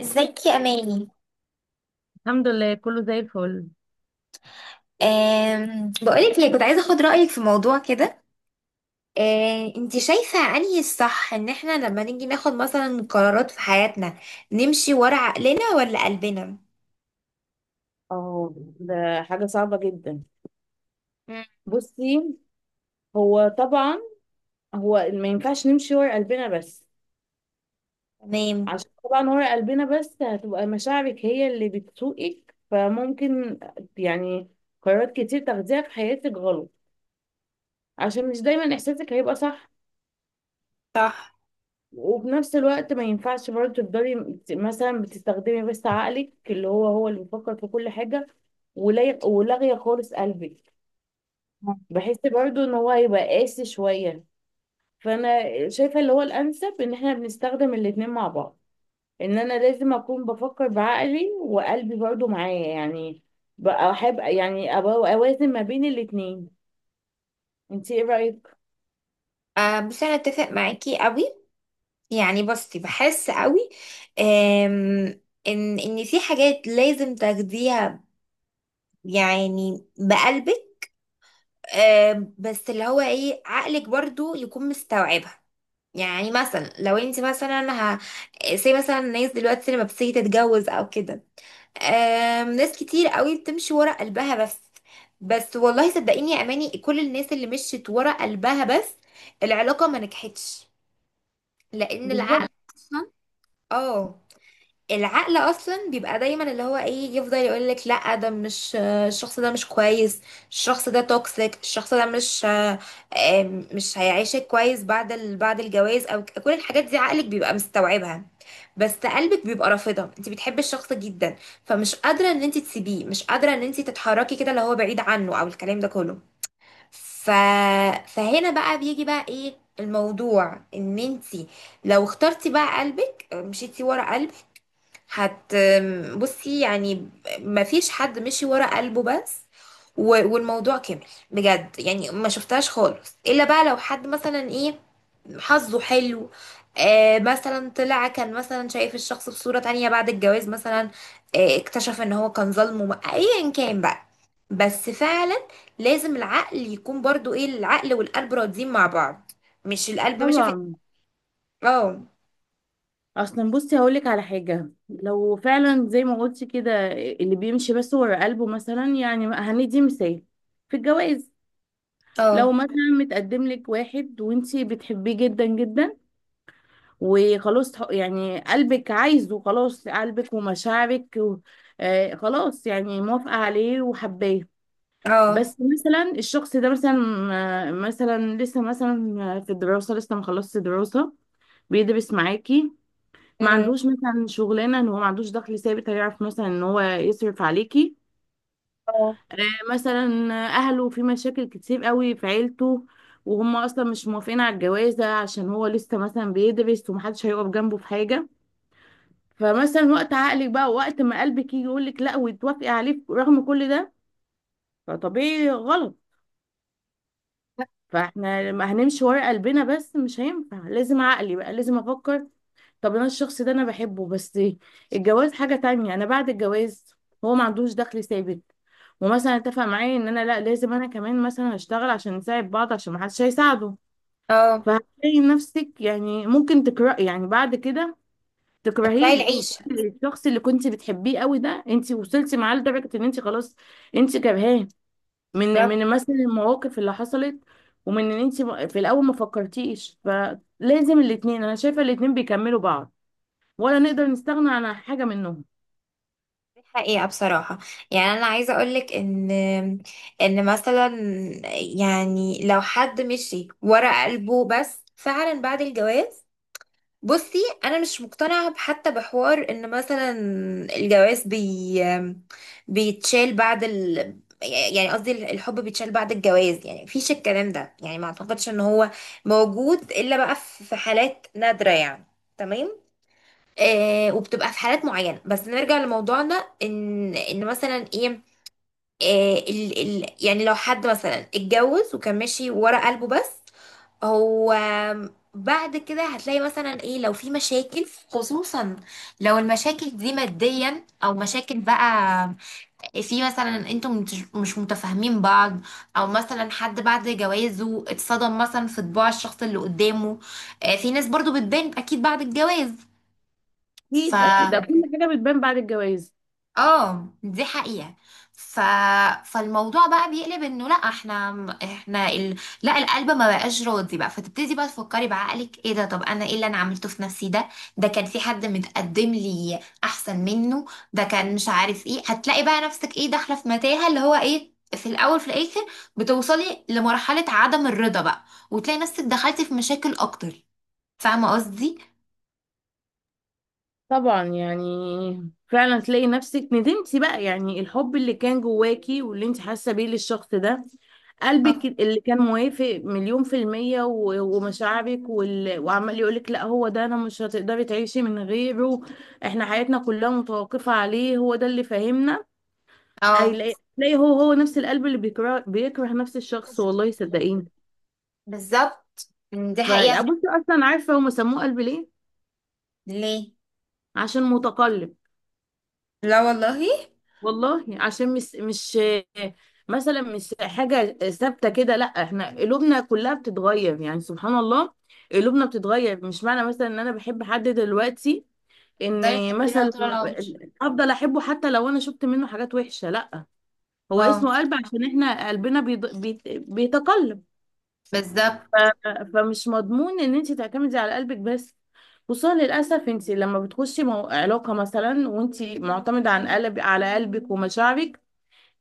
ازيك يا اماني؟ الحمد لله كله زي الفل. بقولك ليه كنت عايزه اخد رايك في موضوع كده. انتي شايفه انهي الصح ان احنا لما نيجي ناخد مثلا قرارات في حياتنا نمشي ورا عقلنا ولا قلبنا؟ اه، ده حاجة صعبة جدا. مم. بصي، هو طبعا ما ينفعش نمشي ورا قلبنا بس، تمام. عشان طبعا ورا قلبنا بس هتبقى مشاعرك هي اللي بتسوقك، فممكن يعني قرارات كتير تاخديها في حياتك غلط عشان مش دايما احساسك هيبقى صح. صح. وفي نفس الوقت ما ينفعش برضه تفضلي مثلا بتستخدمي بس عقلك اللي هو اللي بيفكر في كل حاجة ولاغية خالص قلبك. بحس برضو ان هو هيبقى قاسي شوية. فانا شايفة اللي هو الانسب ان احنا بنستخدم الاتنين مع بعض، ان انا لازم اكون بفكر بعقلي وقلبي برضو معايا، يعني بقى احب يعني أبقى اوازن ما بين الاتنين. انتي ايه رأيك؟ أه، بس انا اتفق معاكي قوي. يعني بصي بحس قوي. أم ان في حاجات لازم تاخديها، يعني بقلبك. بس اللي هو ايه عقلك برضو يكون مستوعبها. يعني مثلا لو انت مثلا زي مثلا الناس دلوقتي لما بتيجي تتجوز او كده. ناس كتير قوي بتمشي ورا قلبها بس. بس والله صدقيني يا اماني كل الناس اللي مشيت ورا قلبها بس العلاقة ما نجحتش، لان العقل بالظبط. اصلا. اه. العقل اصلا بيبقى دايما اللي هو ايه يفضل يقول لك لا ده مش الشخص، ده مش كويس، الشخص ده توكسيك، الشخص ده مش هيعيشك كويس بعد بعد الجواز، او كل الحاجات دي عقلك بيبقى مستوعبها. بس قلبك بيبقى رافضها، انت بتحبي الشخص جدا، فمش قادره ان انت تسيبيه، مش قادره ان انت تتحركي كده اللي هو بعيد عنه او الكلام ده كله. ف... فهنا بقى بيجي بقى ايه الموضوع، ان انت لو اخترتي بقى قلبك مشيتي ورا قلبك هت بصي يعني. مفيش حد مشي ورا قلبه بس والموضوع كمل، بجد يعني. ما شفتهاش خالص الا بقى لو حد مثلا ايه، حظه حلو، آه مثلا طلع كان مثلا شايف الشخص بصورة تانية بعد الجواز مثلا، آه اكتشف ان هو كان ظلمه ايا كان بقى. بس فعلا لازم العقل يكون برضو ايه، العقل والقلب راضيين مع بعض، مش القلب ماشي في. طبعا. اه. اصلا بصي هقولك على حاجه، لو فعلا زي ما قلتي كده اللي بيمشي بس ورا قلبه، مثلا يعني هندي مثال في الجواز. لو اه. مثلا متقدم لك واحد وانتي بتحبيه جدا جدا، وخلاص يعني قلبك عايزه، خلاص قلبك ومشاعرك و آه خلاص يعني موافقة عليه وحباه. اه. بس مثلا الشخص ده مثلا آه، مثلا لسه مثلا في الدراسة، لسه ما خلصش دراسة، بيدرس معاكي، ما مم. عندوش مثلا شغلانة، ان هو ما عندوش دخل ثابت هيعرف مثلا ان هو يصرف عليكي. اه. آه، مثلا اهله في مشاكل كتير قوي في عيلته، وهم اصلا مش موافقين على الجوازة عشان هو لسه مثلا بيدرس ومحدش هيقف جنبه في حاجة. فمثلا وقت عقلك بقى، وقت ما قلبك يجي يقول لك لا وتوافقي عليه رغم كل ده، فطبيعي غلط. فاحنا لما هنمشي ورا قلبنا بس مش هينفع، لازم عقلي بقى، لازم افكر. طب انا الشخص ده انا بحبه، بس الجواز حاجة تانية. انا بعد الجواز هو ما عندوش دخل ثابت، ومثلا اتفق معايا ان انا لا لازم انا كمان مثلا اشتغل عشان نساعد بعض عشان ما حدش هيساعده. اه. فهتلاقي نفسك يعني ممكن تكره يعني بعد كده، راي تكرهيه، توصلي العيشة. للشخص اللي كنت بتحبيه قوي ده انت وصلتي معاه لدرجه ان انت خلاص انت كرهاه من بالظبط. مثلا المواقف اللي حصلت ومن ان انت في الاول ما فكرتيش. فلازم الاتنين، انا شايفه الاتنين بيكملوا بعض ولا نقدر نستغنى عن حاجه منهم. دي حقيقة بصراحة. يعني أنا عايزة أقولك إن مثلا، يعني لو حد مشي ورا قلبه بس فعلا بعد الجواز، بصي أنا مش مقتنعة حتى بحوار إن مثلا الجواز بيتشال بعد يعني قصدي الحب بيتشال بعد الجواز، يعني مفيش الكلام ده، يعني ما أعتقدش إن هو موجود إلا بقى في حالات نادرة يعني. تمام. آه وبتبقى في حالات معينة، بس نرجع لموضوعنا ان مثلا ايه، آه ال يعني لو حد مثلا اتجوز وكان ماشي ورا قلبه بس، هو بعد كده هتلاقي مثلا ايه لو في مشاكل، خصوصا لو المشاكل دي ماديا او مشاكل بقى في مثلا انتم مش متفاهمين بعض، او مثلا حد بعد جوازه اتصدم مثلا في طباع الشخص اللي قدامه، آه، في ناس برضو بتبان اكيد بعد الجواز. ف اكيد اكيد ده كل حاجه بتبان بعد الجواز. اه دي حقيقة. ف... فالموضوع بقى بيقلب انه لا احنا، احنا ال... لا القلب ما بقاش راضي بقى، فتبتدي بقى تفكري بعقلك ايه ده، طب انا ايه اللي انا عملته في نفسي ده، ده كان في حد متقدم لي احسن منه، ده كان مش عارف ايه، هتلاقي بقى نفسك ايه داخلة في متاهة اللي هو ايه في الاول في الاخر بتوصلي لمرحلة عدم الرضا بقى، وتلاقي نفسك دخلتي في مشاكل اكتر، فاهمة قصدي؟ طبعا، يعني فعلا تلاقي نفسك ندمتي بقى، يعني الحب اللي كان جواكي واللي انت حاسه بيه للشخص ده، اه. قلبك اللي كان موافق مليون في المية ومشاعرك وال... وعمال يقولك لا هو ده، انا مش هتقدري تعيشي من غيره، احنا حياتنا كلها متوقفة عليه، هو ده اللي فاهمنا. اه. هيلاقي تلاقي هو نفس القلب اللي بيكره بيكره نفس الشخص، والله صدقيني. بالظبط. دي حقيقة. فبصي اصلا عارفة هم سموه قلب ليه؟ ليه؟ عشان متقلب، لا والله. والله عشان مش مثلا مش حاجة ثابتة كده، لا احنا قلوبنا كلها بتتغير، يعني سبحان الله قلوبنا بتتغير. مش معنى مثلا ان انا بحب حد دلوقتي تفضلي ان تحبيه لها مثلا طول العمر. افضل احبه، حتى لو انا شفت منه حاجات وحشة لا. هو اه. اسمه قلب عشان احنا قلبنا بيتقلب. بالظبط. ف- فمش مضمون ان انت تعتمدي على قلبك بس، خصوصا للاسف انت لما بتخشي علاقة مثلا وانت معتمدة عن على قلبك ومشاعرك،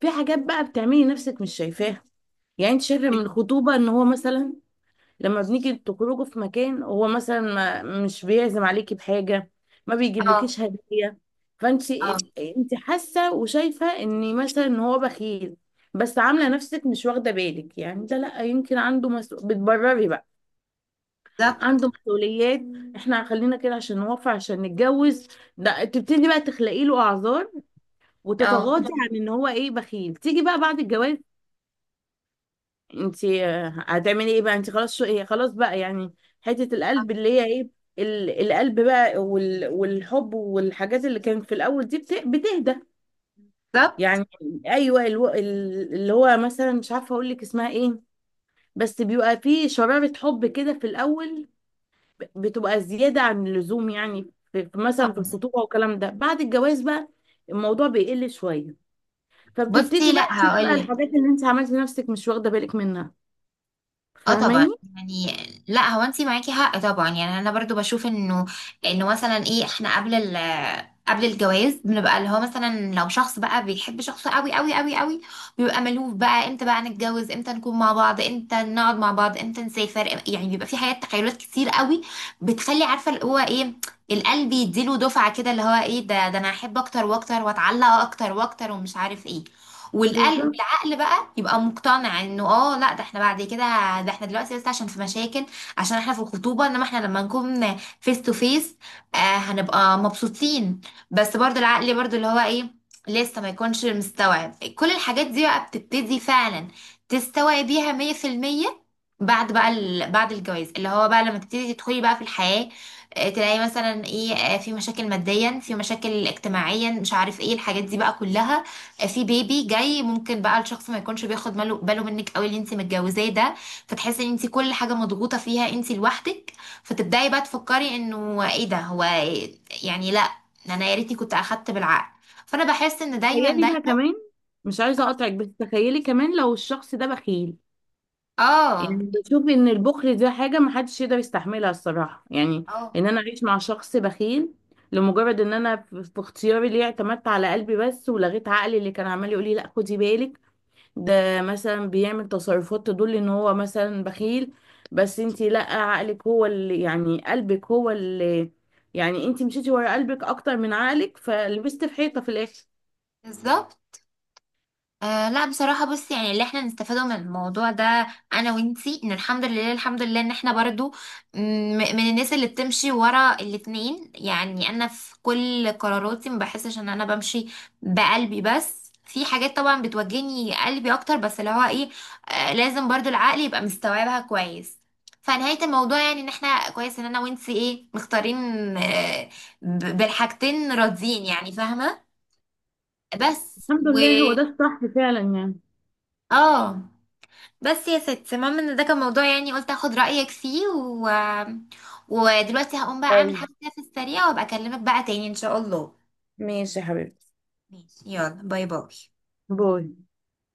في حاجات بقى بتعملي نفسك مش شايفاها. يعني انت شايفه من الخطوبه ان هو مثلا لما بنيجي تخرجوا في مكان هو مثلا ما مش بيعزم عليكي بحاجه، ما اه. بيجيبلكيش هديه. فانت اه. انت حاسه وشايفه ان مثلا ان هو بخيل، بس عامله نفسك مش واخده بالك. يعني ده لا يمكن عنده مسؤول، بتبرري بقى بالظبط. عنده مسؤوليات، احنا خلينا كده عشان نوفر عشان نتجوز. ده تبتدي بقى تخلقي له اعذار اه. وتتغاضي عن ان هو ايه بخيل. تيجي بقى بعد الجواز انتي آه، هتعملي ايه بقى؟ انتي خلاص، شو ايه خلاص بقى يعني. حتة القلب اللي هي ايه، القلب بقى والحب والحاجات اللي كانت في الاول دي بتهدى بالظبط. يعني. ايوه اللي هو مثلا مش عارفة اقول لك اسمها ايه، بس بيبقى فيه شرارة حب كده في الاول، بتبقى زيادة عن اللزوم، يعني في مثلا في الخطوبة والكلام ده. بعد الجواز بقى الموضوع بيقل شوية، بصي فبتبتدي لا بقى تشوفي بقى هقول لك. الحاجات اللي انت عملتي نفسك مش واخدة بالك منها. اه طبعا. فاهماني؟ يعني لا، هو انت معاكي حق طبعا، يعني انا برضو بشوف انه مثلا ايه احنا قبل الجواز بنبقى اللي هو مثلا لو شخص بقى بيحب شخص قوي قوي قوي قوي، بيبقى ملهوف بقى امتى بقى نتجوز امتى نكون مع بعض امتى نقعد مع بعض امتى نسافر، يعني بيبقى في حاجات تخيلات كتير قوي، بتخلي عارفه اللي هو ايه، القلب يديله دفعه كده اللي هو ايه ده، ده انا احب اكتر واكتر واتعلق اكتر واكتر ومش عارف ايه، والقلب بالظبط. عقل بقى يبقى مقتنع انه اه لا ده احنا بعد كده، ده احنا دلوقتي بس عشان في مشاكل، عشان احنا في الخطوبة، انما احنا لما نكون فيس تو فيس هنبقى مبسوطين، بس برضو العقل برضو اللي هو ايه لسه ما يكونش مستوعب كل الحاجات دي، بقى بتبتدي فعلا تستوعبيها 100%، بعد بقى بعد الجواز اللي هو بقى لما تبتدي تدخلي بقى في الحياة، آه تلاقي مثلا ايه، آه في مشاكل ماديا في مشاكل اجتماعيا مش عارف ايه الحاجات دي بقى كلها، في بيبي جاي ممكن بقى الشخص ما يكونش بياخد باله منك قوي اللي انت متجوزاه ده، فتحسي ان انت كل حاجه مضغوطه فيها انت لوحدك، فتبداي بقى تفكري انه ايه ده، هو يعني لا، انا يا ريتني كنت اخدت بالعقل، فانا بحس ان دايما تخيلي بقى دايما. كمان، مش عايزه اقطعك بس تخيلي كمان لو الشخص ده بخيل. يعني اه. بشوف ان البخل ده حاجه محدش يقدر يستحملها الصراحه، يعني اه. ان انا اعيش مع شخص بخيل لمجرد ان انا في اختياري ليه اعتمدت على قلبي بس ولغيت عقلي اللي كان عمال يقول لي لا خدي بالك، ده مثلا بيعمل تصرفات تدل ان هو مثلا بخيل، بس انتي لا عقلك هو اللي يعني قلبك هو اللي يعني، انتي مشيتي ورا قلبك اكتر من عقلك فلبست في حيطه في الاخر. بالظبط. آه لا بصراحة بصي، يعني اللي احنا نستفاده من الموضوع ده انا وانتي، ان الحمد لله، الحمد لله ان احنا برضو م- من الناس اللي بتمشي ورا الاتنين، يعني انا في كل قراراتي ما بحسش ان انا بمشي بقلبي بس، في حاجات طبعا بتوجهني قلبي اكتر، بس اللي هو ايه آه لازم برضو العقل يبقى مستوعبها كويس، فنهاية الموضوع يعني ان احنا كويس ان انا وانتي ايه مختارين، آه بالحاجتين راضيين يعني فاهمة. بس الحمد و لله هو ده الصح فعلا يعني. اه. بس يا ست، المهم ان ده كان موضوع يعني، قلت اخد رأيك فيه ودلوقتي هقوم بقى اعمل أوي، حاجة كده في السريع وابقى اكلمك بقى تاني ان شاء الله. ماشي يا حبيبتي، ماشي يلا باي باي. باي.